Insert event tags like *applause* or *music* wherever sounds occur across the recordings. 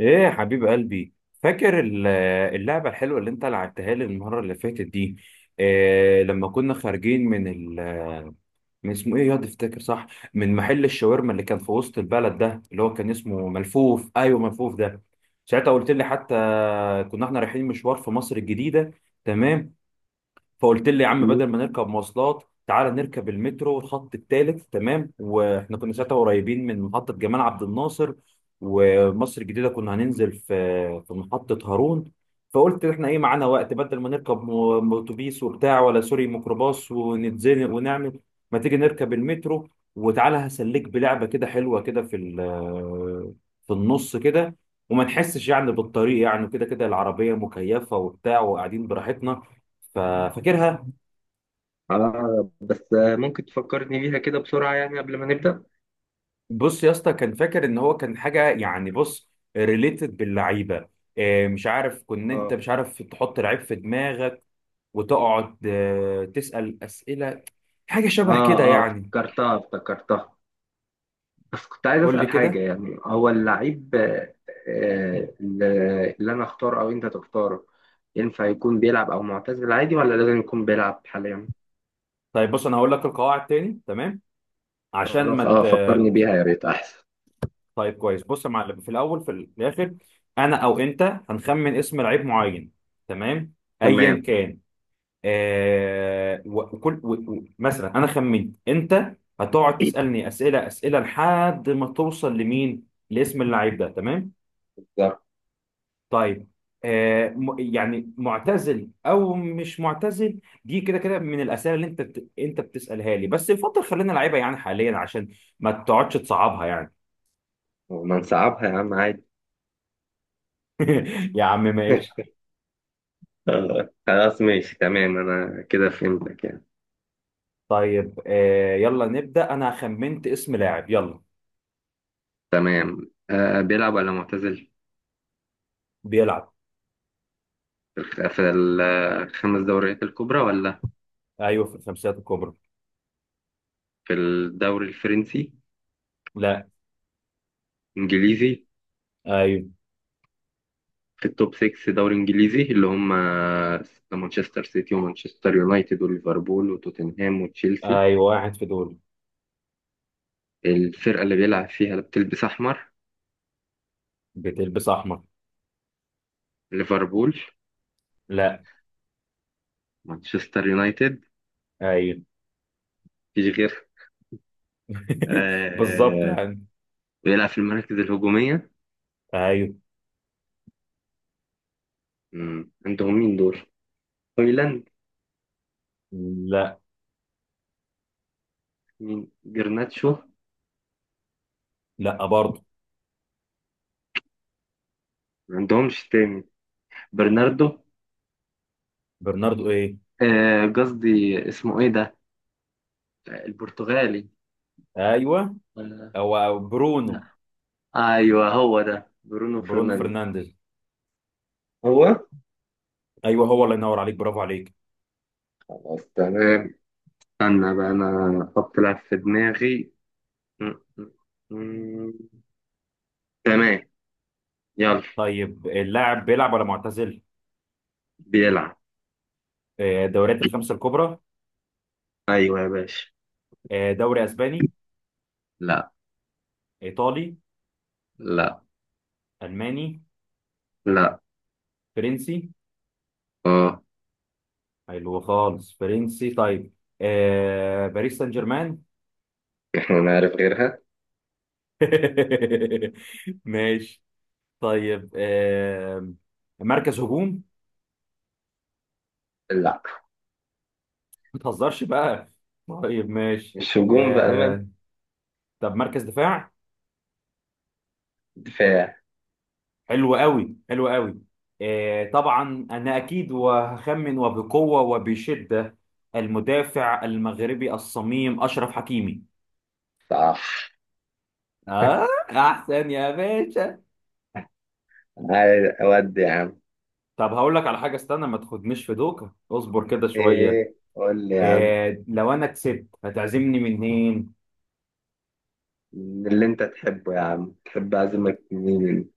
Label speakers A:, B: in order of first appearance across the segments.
A: ايه يا حبيب قلبي، فاكر اللعبة الحلوة اللي انت لعبتها لي المرة اللي فاتت دي؟ إيه لما كنا خارجين من من اسمه ايه يا تفتكر؟ صح، من محل الشاورما اللي كان في وسط البلد ده اللي هو كان اسمه ملفوف. ايوه، ملفوف ده. ساعتها قلت لي حتى كنا احنا رايحين مشوار في مصر الجديدة. تمام. فقلت لي يا عم، بدل
B: مم.
A: ما نركب مواصلات تعالى نركب المترو الخط الثالث، تمام، واحنا كنا ساعتها قريبين من محطة جمال عبد الناصر. ومصر الجديدة كنا هننزل في محطة هارون. فقلت احنا ايه معانا وقت، بدل ما نركب اتوبيس وبتاع، ولا سوري ميكروباص، ونتزنق ونعمل، ما تيجي نركب المترو وتعالى هسليك بلعبة كده حلوة كده في في النص كده، وما نحسش يعني بالطريق، يعني كده كده العربية مكيفة وبتاع وقاعدين براحتنا. ففاكرها؟
B: اه بس ممكن تفكرني بيها كده بسرعة يعني قبل ما نبدأ.
A: بص يا اسطى، كان فاكر ان هو كان حاجه يعني، بص، ريليتد باللعيبه. مش عارف، كنت انت
B: اه
A: مش عارف تحط لعيب في دماغك وتقعد تسال اسئله، حاجه شبه
B: اه
A: كده
B: اه
A: يعني.
B: افتكرتها افتكرتها. بس كنت عايز
A: قول لي
B: أسأل حاجة
A: كده.
B: يعني هو اللعيب اللي اللي انا اختاره او انت تختاره، ينفع يكون بيلعب او معتزل عادي ولا لازم يكون بيلعب حاليا؟
A: طيب بص، انا هقول لك القواعد تاني، تمام، عشان
B: خلاص
A: ما
B: اه فكرني بيها يا ريت احسن.
A: طيب كويس، بص يا معلم، في الاول في الاخر انا او انت هنخمن اسم لعيب معين، تمام، ايا
B: تمام.
A: كان. آه، وكل مثلا انا خمنت، انت هتقعد تسالني اسئله اسئله لحد ما توصل لمين، لاسم اللعيب ده، تمام.
B: بالظبط.
A: طيب آه، يعني معتزل او مش معتزل دي كده كده من الاسئله اللي انت انت بتسالها لي، بس يفضل خلينا لعيبه يعني حاليا، عشان ما تقعدش تصعبها يعني.
B: وما نصعبها يا عم عادي.
A: *laughs* يا عم ماشي.
B: *laughs* خلاص ماشي تمام انا كده فهمتك يعني.
A: طيب آه، يلا نبدا، انا خمنت اسم لاعب، يلا.
B: تمام، آه بيلعب ولا معتزل؟
A: بيلعب.
B: في الخمس دوريات الكبرى، ولا
A: ايوه في الخمسيات الكبرى.
B: في الدوري الفرنسي؟
A: لا.
B: انجليزي.
A: ايوه،
B: في التوب 6 دوري انجليزي اللي هم مانشستر سيتي ومانشستر يونايتد وليفربول وتوتنهام وتشيلسي.
A: ايوه واحد في دول.
B: الفرقة اللي بيلعب فيها اللي بتلبس احمر؟
A: بتلبس احمر.
B: ليفربول؟
A: لا.
B: مانشستر يونايتد.
A: ايوه.
B: مفيش غير.
A: *laughs* بالظبط
B: آه.
A: يعني.
B: بيلعب في المراكز الهجومية.
A: ايوه.
B: مم. عندهم مين دول؟ هويلاند؟
A: لا.
B: مين جرناتشو؟
A: لا برضه.
B: ما عندهمش تاني. برناردو.
A: برناردو ايه؟
B: قصدي اسمه ايه ده، البرتغالي.
A: ايوه.
B: آه،
A: هو برونو.
B: ايوه هو ده برونو
A: برونو
B: فرنانديز.
A: فرنانديز.
B: هو.
A: ايوه هو، الله ينور عليك، برافو عليك.
B: خلاص تمام. استنى بقى انا احط لاعب في دماغي. م- م- م- تمام. يلا.
A: طيب، اللاعب بيلعب ولا معتزل؟
B: بيلعب.
A: دوريات الخمسه الكبرى.
B: ايوه يا باشا.
A: دوري اسباني.
B: لا.
A: ايطالي.
B: لا.
A: الماني.
B: لا.
A: فرنسي.
B: اه.
A: حلو خالص، فرنسي. طيب باريس سان جيرمان.
B: احنا نعرف غيرها.
A: *laughs* ماشي. طيب آه، مركز هجوم.
B: لا.
A: ما تهزرش بقى. طيب ماشي.
B: مش هجوم بأمل.
A: آه، طب مركز دفاع.
B: دفاع.
A: حلو قوي حلو قوي. آه طبعا انا اكيد، وهخمن وبقوه وبشده، المدافع المغربي الصميم اشرف حكيمي.
B: صح.
A: اه احسن يا باشا.
B: هاي اودي يا عم.
A: طب هقول لك على حاجه، استنى ما تاخدنيش في دوكه، اصبر كده شويه.
B: ايه قول لي يا عم.
A: آه، لو انا كسبت هتعزمني منين؟
B: من اللي انت تحبه يا عم، تحب اعزمك مين؟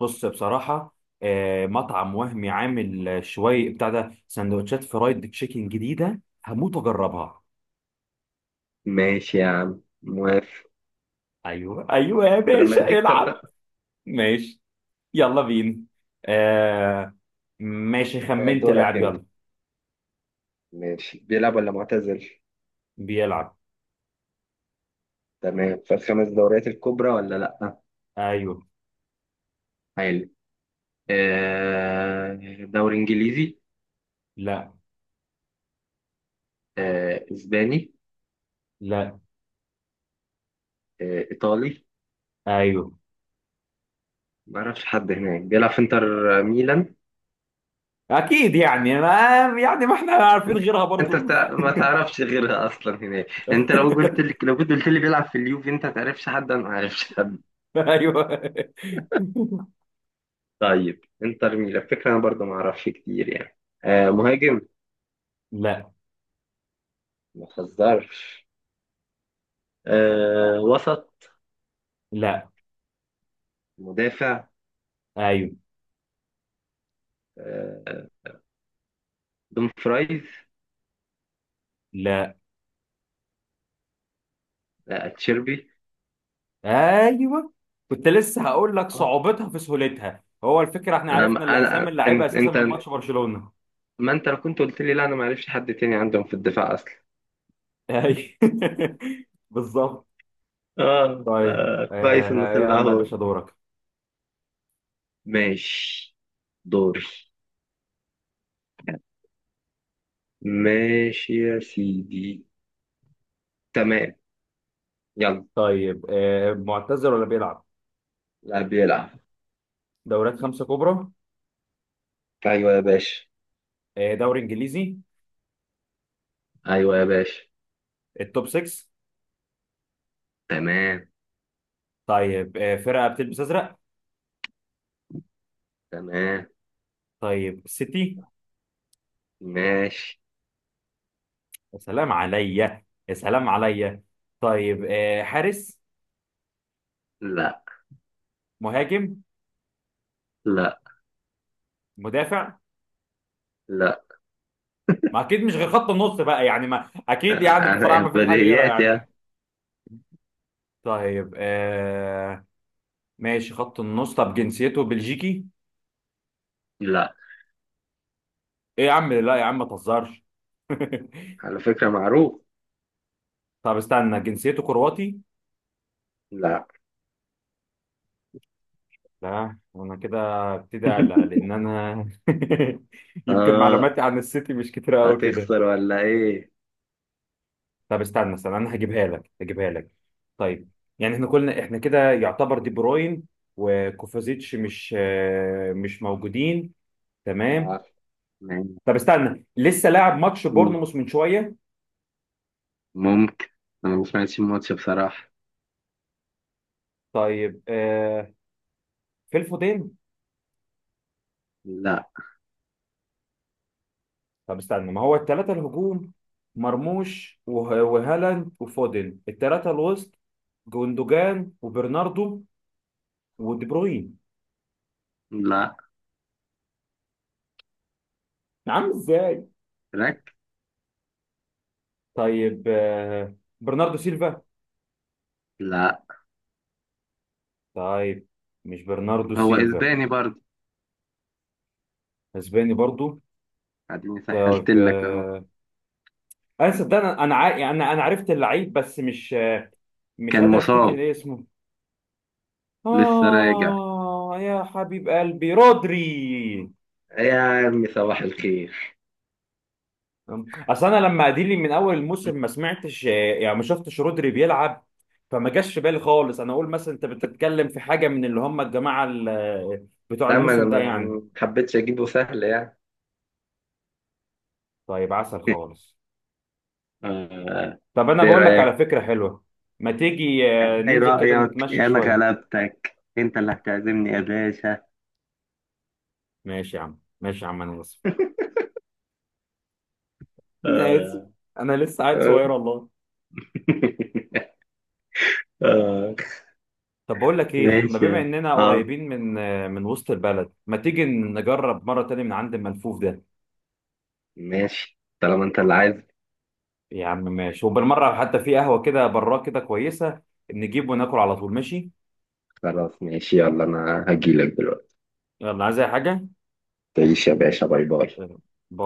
A: بص بصراحة، مطعم وهمي عامل شوية بتاع ده، سندوتشات فرايد تشيكن جديدة، هموت واجربها.
B: ماشي يا عم موافق.
A: ايوه ايوه يا
B: لما
A: باشا
B: تكسب
A: العب.
B: بقى.
A: ماشي يلا بينا. آه، ماشي خمنت
B: دورك
A: لاعب،
B: انت.
A: يلا.
B: ماشي بيلعب ولا معتزل؟
A: بيلعب.
B: تمام. في الخمس دوريات الكبرى ولا لا؟
A: ايوه.
B: حلو. آه، دوري انجليزي؟
A: لا.
B: اسباني؟
A: لا.
B: ايطالي؟
A: ايوه.
B: ما اعرفش حد هناك بيلعب في انتر ميلان.
A: اكيد يعني ما، يعني ما احنا عارفين غيرها برضو.
B: ما تعرفش غيرها اصلا هناك. انت لو قلت لي،
A: *laughs*
B: لو كنت قلت لي بيلعب في اليوفي، انت ما تعرفش حد، انا ما اعرفش حد.
A: ايوه.
B: طيب انتر ميلان فكره انا برضو ما اعرفش كتير يعني. آه مهاجم؟
A: لا.
B: ما تهزرش. آه وسط؟
A: لا.
B: مدافع.
A: ايوه.
B: آه، دون فرايز؟
A: لا.
B: تشيربي.
A: ايوه. كنت لسه هقول لك، صعوبتها في سهولتها هو الفكره، احنا عرفنا اللي اسامي اللعيبه اساسا
B: انت،
A: من ماتش برشلونه.
B: ما انت لو كنت قلت لي لا انا ما اعرفش حد تاني عندهم في الدفاع اصلا.
A: ايوه. *laughs* بالظبط.
B: اه
A: طيب
B: كويس انه
A: آه،
B: طلع
A: يلا يا
B: اهو.
A: باشا دورك.
B: ماشي. دوري. ماشي يا سيدي. تمام. يلا.
A: طيب آه، معتزل ولا بيلعب؟
B: لاعب بيلعب.
A: دوريات خمسه كبرى.
B: ايوه يا باشا.
A: آه دوري انجليزي.
B: ايوه يا باشا.
A: التوب 6.
B: تمام.
A: طيب آه، فرقه بتلبس ازرق.
B: تمام.
A: طيب سيتي.
B: ماشي.
A: يا سلام عليا يا سلام عليا. طيب آه، حارس.
B: لا.
A: مهاجم.
B: لا.
A: مدافع.
B: لا.
A: ما اكيد مش غير خط النص بقى يعني، ما اكيد يعني بصراحه ما فيش حاجه غيرها
B: بديهيات
A: يعني.
B: يا.
A: طيب آه، ماشي، خط النص. طب جنسيته بلجيكي؟
B: لا.
A: ايه يا عم، لا يا عم ما تهزرش. *laughs*
B: على فكرة معروف.
A: طب استنى، جنسيته كرواتي؟
B: لا.
A: لا انا كده ابتدي
B: *laughs*
A: على، لان انا. *laughs* يمكن
B: اه.
A: معلوماتي عن السيتي مش كتيره قوي كده.
B: هتخسر ولا ايه؟
A: طب استنى استنى، انا هجيبها لك هجيبها لك. طيب، يعني احنا كلنا احنا كده يعتبر دي بروين وكوفازيتش مش مش موجودين. تمام.
B: وعارف. يعني.
A: طب استنى، لسه لاعب ماتش بورنموث من شويه.
B: ممكن. انا ما سمعتش الماتش بصراحة.
A: طيب آه، في الفودين.
B: لا.
A: طب استنى، ما هو الثلاثه الهجوم مرموش وهالاند وفودن، الثلاثه الوسط جوندوجان وبرناردو ودي بروين.
B: لا.
A: عامل ازاي.
B: راك.
A: طيب آه، برناردو سيلفا.
B: لا.
A: طيب مش برناردو
B: هو
A: سيلفا.
B: اسباني برضه.
A: اسباني برضو.
B: اديني
A: طيب
B: سهلت لك اهو.
A: آه، انا صدقني، يعني انا عرفت اللعيب، بس مش مش
B: كان
A: قادر
B: مصاب.
A: افتكر ايه اسمه.
B: لسه راجع.
A: آه يا حبيب قلبي، رودري.
B: يا عمي صباح الخير.
A: أصل أنا لما أديلي من أول الموسم ما سمعتش، يعني ما شفتش رودري بيلعب، فما جاش في بالي خالص. أنا أقول مثلا أنت بتتكلم في حاجة من اللي هم الجماعة بتوع
B: لما انا
A: الموسم ده
B: ما
A: يعني.
B: ما حبيتش اجيبه سهل يعني.
A: طيب، عسل
B: *laughs*
A: خالص.
B: آه.
A: طب أنا
B: ايه
A: بقول لك على
B: رأيك؟
A: فكرة حلوة. ما تيجي
B: ايه
A: ننزل كده
B: رأيك؟
A: نتمشى
B: انا
A: شوية.
B: غلبتك، انت اللي هتعزمني يا باشا.
A: ماشي يا عم، ماشي يا عم، أنا آسف، أنا آسف.
B: آه.
A: أنا لسه عيل
B: *laughs*
A: صغير
B: آه.
A: والله.
B: آه.
A: طب بقول لك ايه، ما
B: ماشي
A: بما
B: يلا.
A: اننا
B: اه.
A: قريبين من وسط البلد، ما تيجي نجرب مره تانية من عند الملفوف ده.
B: ماشي طالما انت اللي عايز.
A: يا عم ماشي، وبالمره حتى في قهوه كده براه كده كويسه، نجيب وناكل على طول، ماشي.
B: خلاص ماشي يلا انا هجيلك دلوقتي.
A: يلا، عايز اي حاجه؟
B: تعيش يا باشا، باي باي.